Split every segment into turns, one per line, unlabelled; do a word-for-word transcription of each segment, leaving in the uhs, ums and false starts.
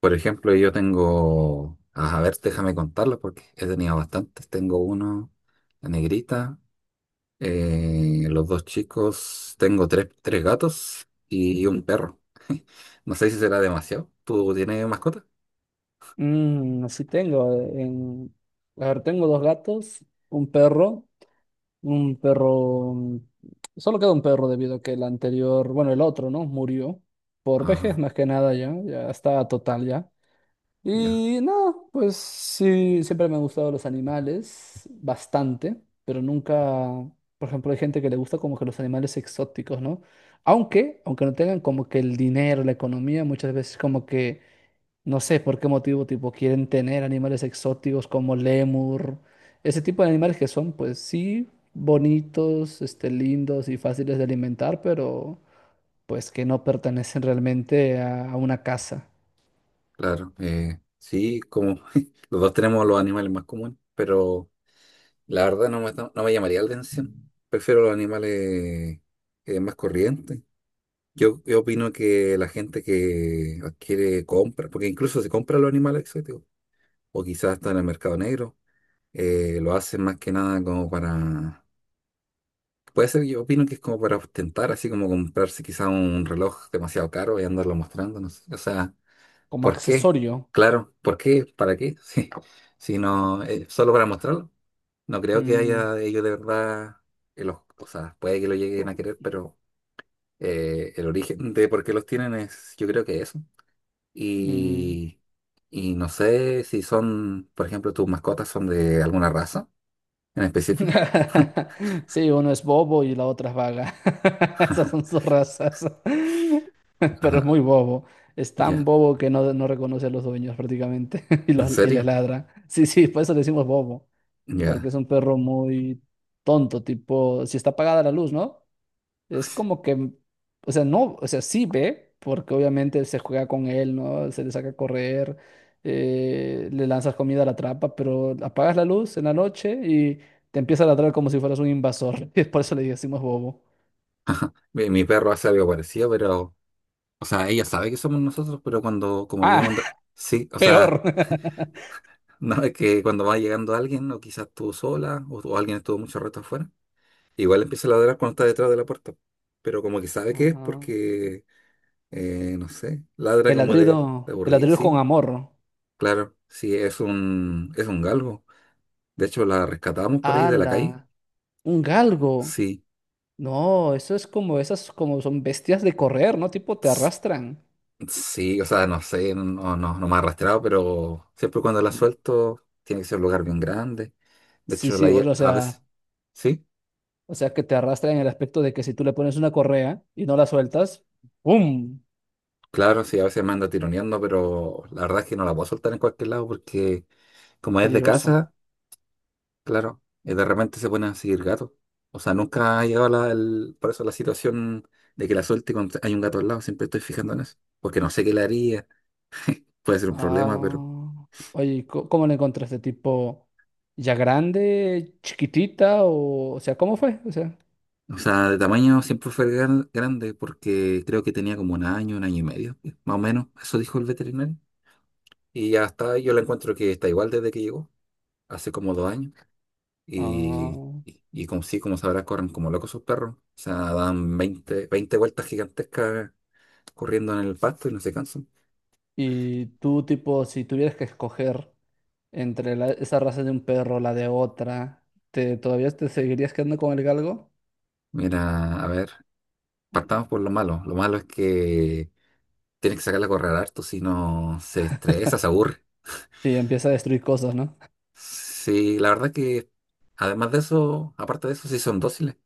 Por ejemplo, yo tengo, a ver, déjame contarlos porque he tenido bastantes. Tengo uno, la negrita, eh, los dos chicos, tengo tres, tres gatos y un perro. No sé si será demasiado. ¿Tú tienes mascota?
Mm, sí tengo. En... A ver, tengo dos gatos, un perro, un perro... mm, Solo queda un perro debido a que el anterior, bueno, el otro, ¿no? Murió por
Ajá,
vejez más que nada ya, ya estaba total ya.
ya,
Y no, pues sí, siempre me han gustado los animales, bastante, pero nunca, por ejemplo, hay gente que le gusta como que los animales exóticos, ¿no? Aunque, aunque no tengan como que el dinero, la economía, muchas veces como que no sé por qué motivo, tipo, quieren tener animales exóticos como lémur, ese tipo de animales que son, pues sí, bonitos, este, lindos y fáciles de alimentar, pero pues que no pertenecen realmente a, a una casa,
claro. Eh, sí, como los dos tenemos los animales más comunes, pero la verdad no me, no me llamaría la atención. Prefiero los animales eh, más corrientes. Yo, yo opino que la gente que adquiere compra, porque incluso se compra los animales exóticos, o quizás está en el mercado negro, eh, lo hacen más que nada como para, puede ser, yo opino que es como para ostentar, así como comprarse quizás un reloj demasiado caro y andarlo mostrando, no sé. O sea,
como
¿por qué?
accesorio.
Claro, ¿por qué? ¿Para qué? Sí. Si no, eh, solo para mostrarlo. No creo que
Mm,
haya ellos de verdad, eh, los, o sea, puede que lo lleguen a querer, pero eh, el origen de por qué los tienen es, yo creo que eso.
mm.
Y, y no sé si son, por ejemplo, tus mascotas son de alguna raza en específico.
Sí, uno es bobo y la otra es vaga. Esas son sus razas. Pero es
Ajá,
muy bobo. Es tan
ya,
bobo que no, no reconoce a los dueños prácticamente y,
¿en
los, y les
serio?
ladra. Sí, sí, por eso le decimos bobo, porque
Ya.
es un perro muy tonto, tipo, si está apagada la luz, ¿no? Es como que, o sea, no, o sea, sí ve, porque obviamente se juega con él, ¿no? Se le saca a correr, eh, le lanzas comida a la trampa, pero apagas la luz en la noche y te empieza a ladrar como si fueras un invasor. Y por eso le decimos bobo.
Mi, mi perro hace algo parecido, pero, o sea, ella sabe que somos nosotros, pero cuando, como
Ah,
vivimos, en sí, o sea,
peor.
no es que cuando va llegando alguien, o quizás tú sola, o, o alguien estuvo mucho rato afuera, igual empieza a ladrar cuando está detrás de la puerta, pero como que sabe que es
Ajá.
porque, eh, no sé, ladra
El
como de, de
ladrido, el
aburrido,
ladrido con
sí.
amor.
Claro, sí, es un, es un galgo. De hecho, la rescatamos por ahí de la
¡Hala!
calle.
Un galgo.
Sí,
No, eso es como esas, como son bestias de correr, ¿no? Tipo, te
s-
arrastran.
sí, o sea, no sé, no, no, no me ha arrastrado, pero siempre cuando la suelto tiene que ser un lugar bien grande. De
Sí,
hecho,
sí,
la,
o
lle-
o
a
sea,
veces, sí,
o sea que te arrastran en el aspecto de que si tú le pones una correa y no la sueltas, ¡pum!
claro, sí, a veces me anda tironeando, pero la verdad es que no la puedo soltar en cualquier lado porque como es de
Peligroso.
casa, claro, y de repente se ponen a seguir gatos. O sea, nunca ha llegado la, el- por eso la situación de que la suelte cuando hay un gato al lado, siempre estoy fijando en eso, porque no sé qué le haría puede ser un
Ah,
problema, pero...
oye, ¿co- ¿cómo la encontraste? ¿Tipo ya grande, chiquitita o, o sea, cómo fue? O sea,
O sea, de tamaño siempre fue gran- grande porque creo que tenía como un año, un año y medio, más o menos. Eso dijo el veterinario. Y ya está, yo la encuentro que está igual desde que llegó, hace como dos años. Y,
ah,
y, y como sí, como sabrás, corren como locos sus perros. O sea, dan veinte veinte vueltas gigantescas corriendo en el pasto y no se cansan.
y tú tipo, si tuvieras que escoger entre la- esa raza de un perro, la de otra, ¿te, todavía te seguirías quedando con el galgo?
Mira, a ver, partamos por lo malo. Lo malo es que tienes que sacarla a correr harto, si no se estresa, se aburre.
Y empieza a destruir cosas, ¿no?
Sí, la verdad que además de eso, aparte de eso, sí son dóciles,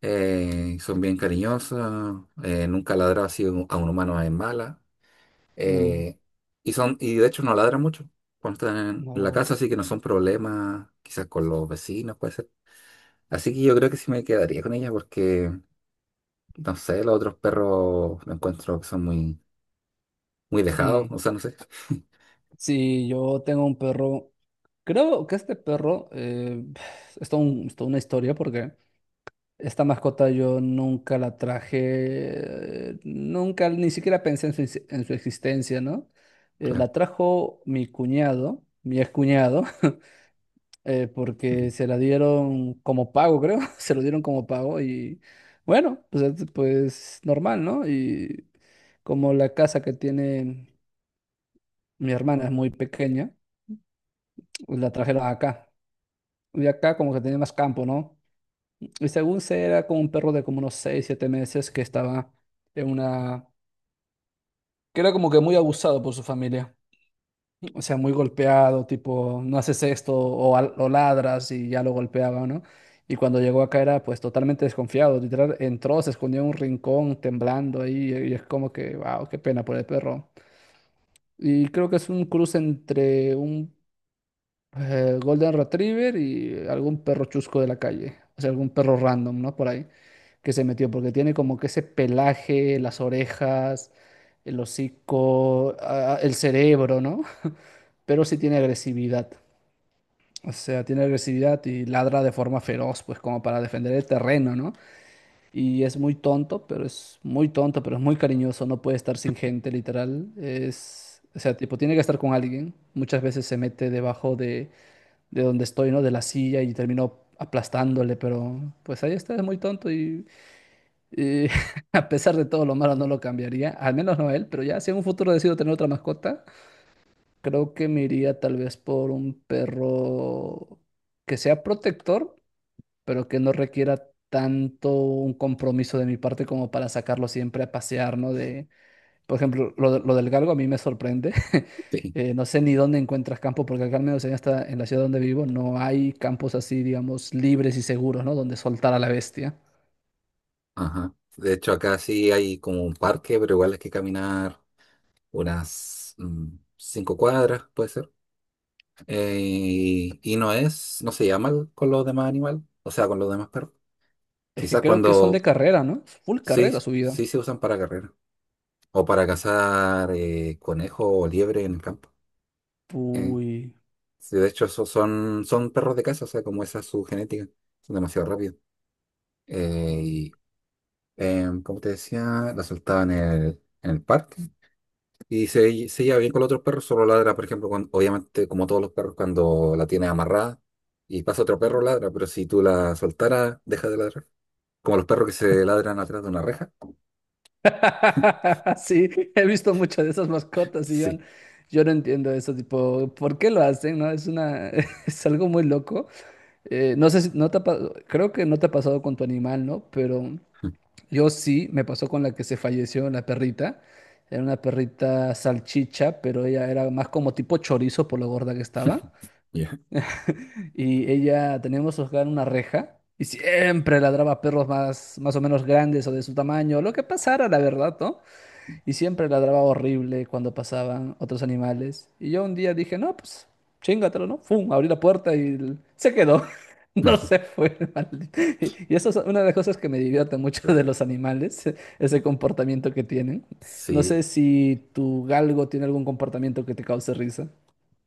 eh, son bien cariñosas, eh, nunca ladran así a un a un humano en mala,
Mm,
eh, y son, y de hecho no ladran mucho cuando están en la
no.
casa, así que no son problemas, quizás con los vecinos puede ser. Así que yo creo que sí me quedaría con ella porque, no sé, los otros perros lo encuentro que son muy, muy dejados,
Mm.
o sea, no sé.
Sí, yo tengo un perro. Creo que este perro eh, es toda un- es toda una historia porque esta mascota yo nunca la traje, eh, nunca ni siquiera pensé en su, ex- en su existencia, ¿no? Eh,
Claro.
la trajo mi cuñado, mi excuñado. eh,
Ujú.
porque se la dieron como pago, creo, se lo dieron como pago y bueno, pues, es- pues normal, ¿no? Y como la casa que tiene mi hermana es muy pequeña, pues, la trajeron acá. Y acá como que tenía más campo, ¿no? Y según se era como un perro de como unos seis siete meses que estaba en una... que era como que muy abusado por su familia. O sea, muy golpeado, tipo, no haces esto o, al- o ladras y ya lo golpeaba, ¿no? Y cuando llegó acá era pues totalmente desconfiado, literal, entró, se escondió en un rincón temblando ahí y es como que, wow, qué pena por el perro. Y creo que es un cruce entre un eh, Golden Retriever y algún perro chusco de la calle, o sea, algún perro random, ¿no? Por ahí, que se metió, porque tiene como que ese pelaje, las orejas, el hocico, ah, el cerebro, ¿no? Pero sí tiene agresividad. O sea, tiene agresividad y ladra de forma feroz, pues como para defender el terreno, ¿no? Y es muy tonto, pero es muy tonto, pero es muy cariñoso, no puede estar sin gente, literal. Es, o sea, tipo, tiene que estar con alguien. Muchas veces se mete debajo de, de donde estoy, ¿no? De la silla y termino aplastándole, pero pues ahí está, es muy tonto y, y a pesar de todo lo malo no lo cambiaría, al menos no él, pero ya si en un futuro decido tener otra mascota, creo que me iría tal vez por un perro que sea protector pero que no requiera tanto un compromiso de mi parte como para sacarlo siempre a pasear, ¿no? De, por ejemplo, lo, de- lo del galgo a mí me sorprende.
Sí,
Eh, no sé ni dónde encuentras campo, porque acá al menos en esta, en la ciudad donde vivo no hay campos así, digamos, libres y seguros, ¿no? Donde soltar a la bestia.
ajá. De hecho, acá sí hay como un parque, pero igual hay que caminar unas mm, cinco cuadras, puede ser. Eh, y y no es, no se llama el- con los demás animales, o sea, con los demás perros.
Es que
Quizás
creo que son de
cuando
carrera, ¿no? Full
sí,
carrera su vida.
sí se usan para carrera o para cazar eh, conejo o liebre en el campo. Eh,
Uy.
sí, de hecho, esos son, son perros de caza, o sea, como esa es su genética, son demasiado rápidos. Eh, y, em, Como te decía, la soltaba en el, en el parque. Y se, se lleva bien con los otros perros, solo ladra, por ejemplo, cuando- obviamente, como todos los perros, cuando la tienes amarrada y pasa otro perro,
Mm.
ladra, pero si tú la soltaras, deja de ladrar. Como los perros que se ladran atrás de una reja.
Sí, he visto muchas de esas mascotas y yo, n-
Sí.
yo no entiendo eso, tipo, ¿por qué lo hacen? ¿No? Es una, es algo muy loco. Eh, no sé si, no te ha pa- creo que no te ha pasado con tu animal, ¿no? Pero yo sí, me pasó con la que se falleció, la perrita. Era una perrita salchicha, pero ella era más como tipo chorizo por lo gorda que estaba.
Ya.
Y ella, teníamos hogar una reja. Y siempre ladraba a perros más, más o menos grandes o de su tamaño, lo que pasara, la verdad, ¿no? Y siempre ladraba horrible cuando pasaban otros animales. Y yo un día dije, no, pues chingatelo, ¿no? Fum, abrí la puerta y el- se quedó. No se fue, el maldito. Y y eso es una de las cosas que me divierte mucho de
Claro.
los animales, ese comportamiento que tienen. No
Sí.
sé si tu galgo tiene algún comportamiento que te cause risa.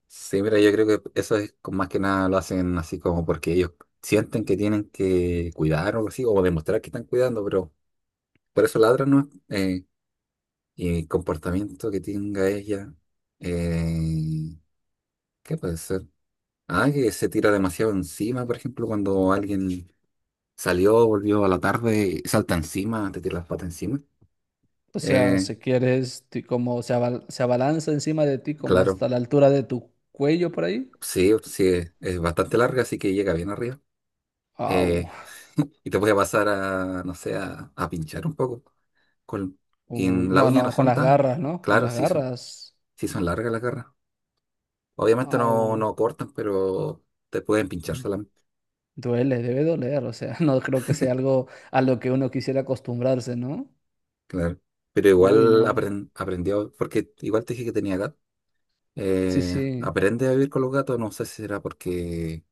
Sí, mira, yo creo que eso es con- más que nada lo hacen así como porque ellos sienten que tienen que cuidar o algo así, o demostrar que están cuidando, pero por eso ladran, ¿no? Eh, y el comportamiento que tenga ella, eh, ¿qué puede ser? Ah, que se tira demasiado encima, por ejemplo, cuando alguien salió, volvió a la tarde y salta encima, te tira las patas encima.
O sea,
Eh,
si quieres, ti- como se, abal- se abalanza encima de ti, como
claro,
hasta la altura de tu cuello por ahí.
sí, sí, es, es bastante larga, así que llega bien arriba.
Au.
Eh, y te puede pasar a, no sé, a, a pinchar un poco. Con, y
Uy,
en la
no,
uña no
no, con
son
las
tan,
garras, ¿no? Con
claro,
las
sí son,
garras.
sí son largas las garras. Obviamente no,
Au.
no cortan, pero te pueden pinchar
Mm.
solamente,
Duele, debe doler, o sea, no creo que sea algo a lo que uno quisiera acostumbrarse, ¿no?
claro. Pero
Uy,
igual
no, no.
apren- aprendió, porque igual te dije que tenía gato.
Sí,
Eh,
sí.
aprende a vivir con los gatos, no sé si será porque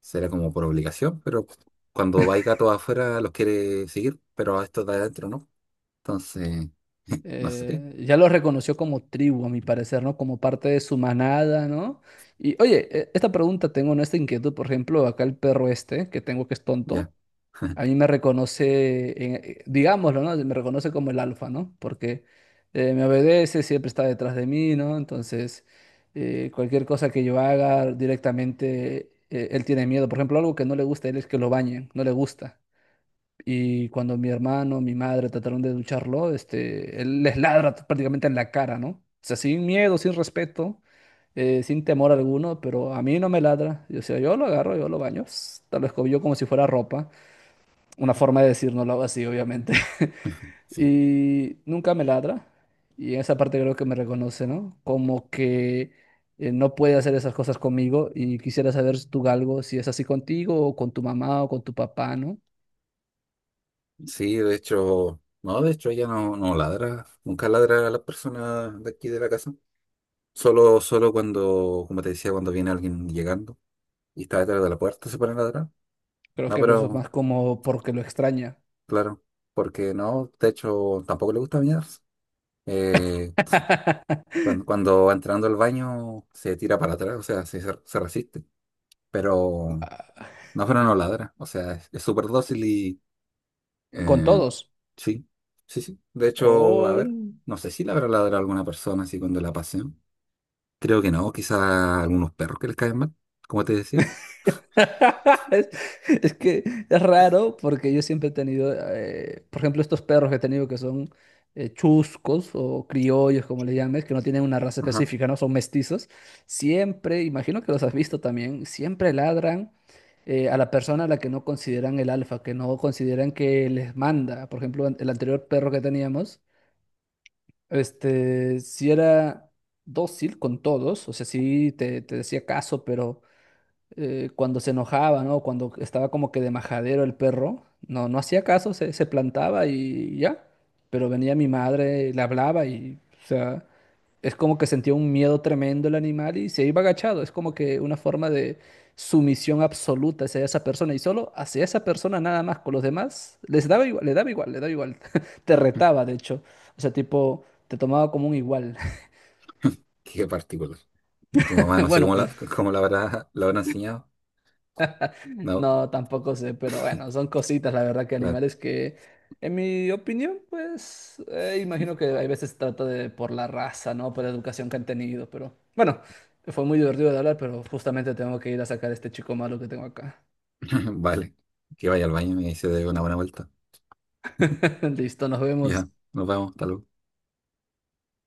será como por obligación, pero cuando hay gatos afuera los quiere seguir, pero a estos de adentro no. Entonces, no sé,
eh, ya lo reconoció como tribu, a mi parecer, ¿no? Como parte de su manada, ¿no? Y oye, e- esta pregunta tengo, ¿no? Esta inquietud, por ejemplo, acá el perro este, que tengo que es
ya,
tonto. A mí me reconoce, en- eh, digámoslo, ¿no? Me reconoce como el alfa, ¿no? Porque eh, me obedece, siempre está detrás de mí, ¿no? Entonces, eh, cualquier cosa que yo haga directamente, eh, él tiene miedo. Por ejemplo, algo que no le gusta a él es que lo bañen, no le gusta. Y cuando mi hermano, mi madre trataron de ducharlo, este, él les ladra t- prácticamente en la cara, ¿no? O sea, sin miedo, sin respeto, eh, sin temor alguno, pero a mí no me ladra. Y, O sea, yo lo agarro, yo lo baño, tal lo escobillo como si fuera ropa una forma de decir no lo hago así, obviamente.
sí.
Y nunca me ladra. Y en esa parte creo que me reconoce, ¿no? Como que eh, no puede hacer esas cosas conmigo. Y quisiera saber tú, Galgo, si es así contigo o con tu mamá o con tu papá, ¿no?
Sí, de hecho, no, de hecho ella no, no ladra, nunca ladra a las personas de aquí de la casa. Solo, solo cuando, como te decía, cuando viene alguien llegando y está detrás de la puerta se pone a ladrar.
Creo
No,
que eso es
pero
más como porque lo extraña.
claro, porque no, de hecho tampoco le gusta bañarse. Eh, Cuando, cuando va entrando al baño se tira para atrás, o sea, se, se resiste, pero
Ah,
no, pero no ladra, o sea, es es súper dócil y
Con
eh,
todos.
sí, sí, sí. De hecho, a ver,
Hoy.
no sé si le habrá ladrado a alguna persona así cuando la pasean. Creo que no, quizá algunos perros que les caen mal, como te decía.
Es, es que es raro porque yo siempre he tenido, eh, por ejemplo, estos perros que he tenido que son eh, chuscos o criollos, como le llames, que no tienen una raza
Ajá,
específica, ¿no? Son mestizos. Siempre, imagino que los has visto también, siempre ladran eh, a la persona a la que no consideran el alfa, que no consideran que les manda. Por ejemplo, an- el anterior perro que teníamos, este, si era dócil con todos, o sea, sí te, te decía caso, pero eh, cuando se enojaba, ¿no? Cuando estaba como que de majadero el perro, no, no hacía caso, se, se plantaba y ya. Pero venía mi madre, le hablaba y, o sea, es como que sentía un miedo tremendo el animal y se iba agachado. Es como que una forma de sumisión absoluta hacia esa persona y solo hacia esa persona nada más. Con los demás les daba igual, le daba igual, le daba igual. Te retaba, de hecho. O sea, tipo, te tomaba como un igual.
qué particular. Tu mamá no sé
Bueno,
cómo la, cómo la habrá, la habrá enseñado. No,
No, tampoco sé, pero bueno, son cositas, la verdad, que
claro,
animales que, en mi opinión, pues, eh, imagino que hay veces se trata de por la raza, ¿no? Por la educación que han tenido, pero bueno, fue muy divertido de hablar, pero justamente tengo que ir a sacar a este chico malo que tengo acá.
vale, que vaya al baño y ahí se dé una buena vuelta.
Listo, nos
Ya,
vemos.
nos vemos, hasta luego.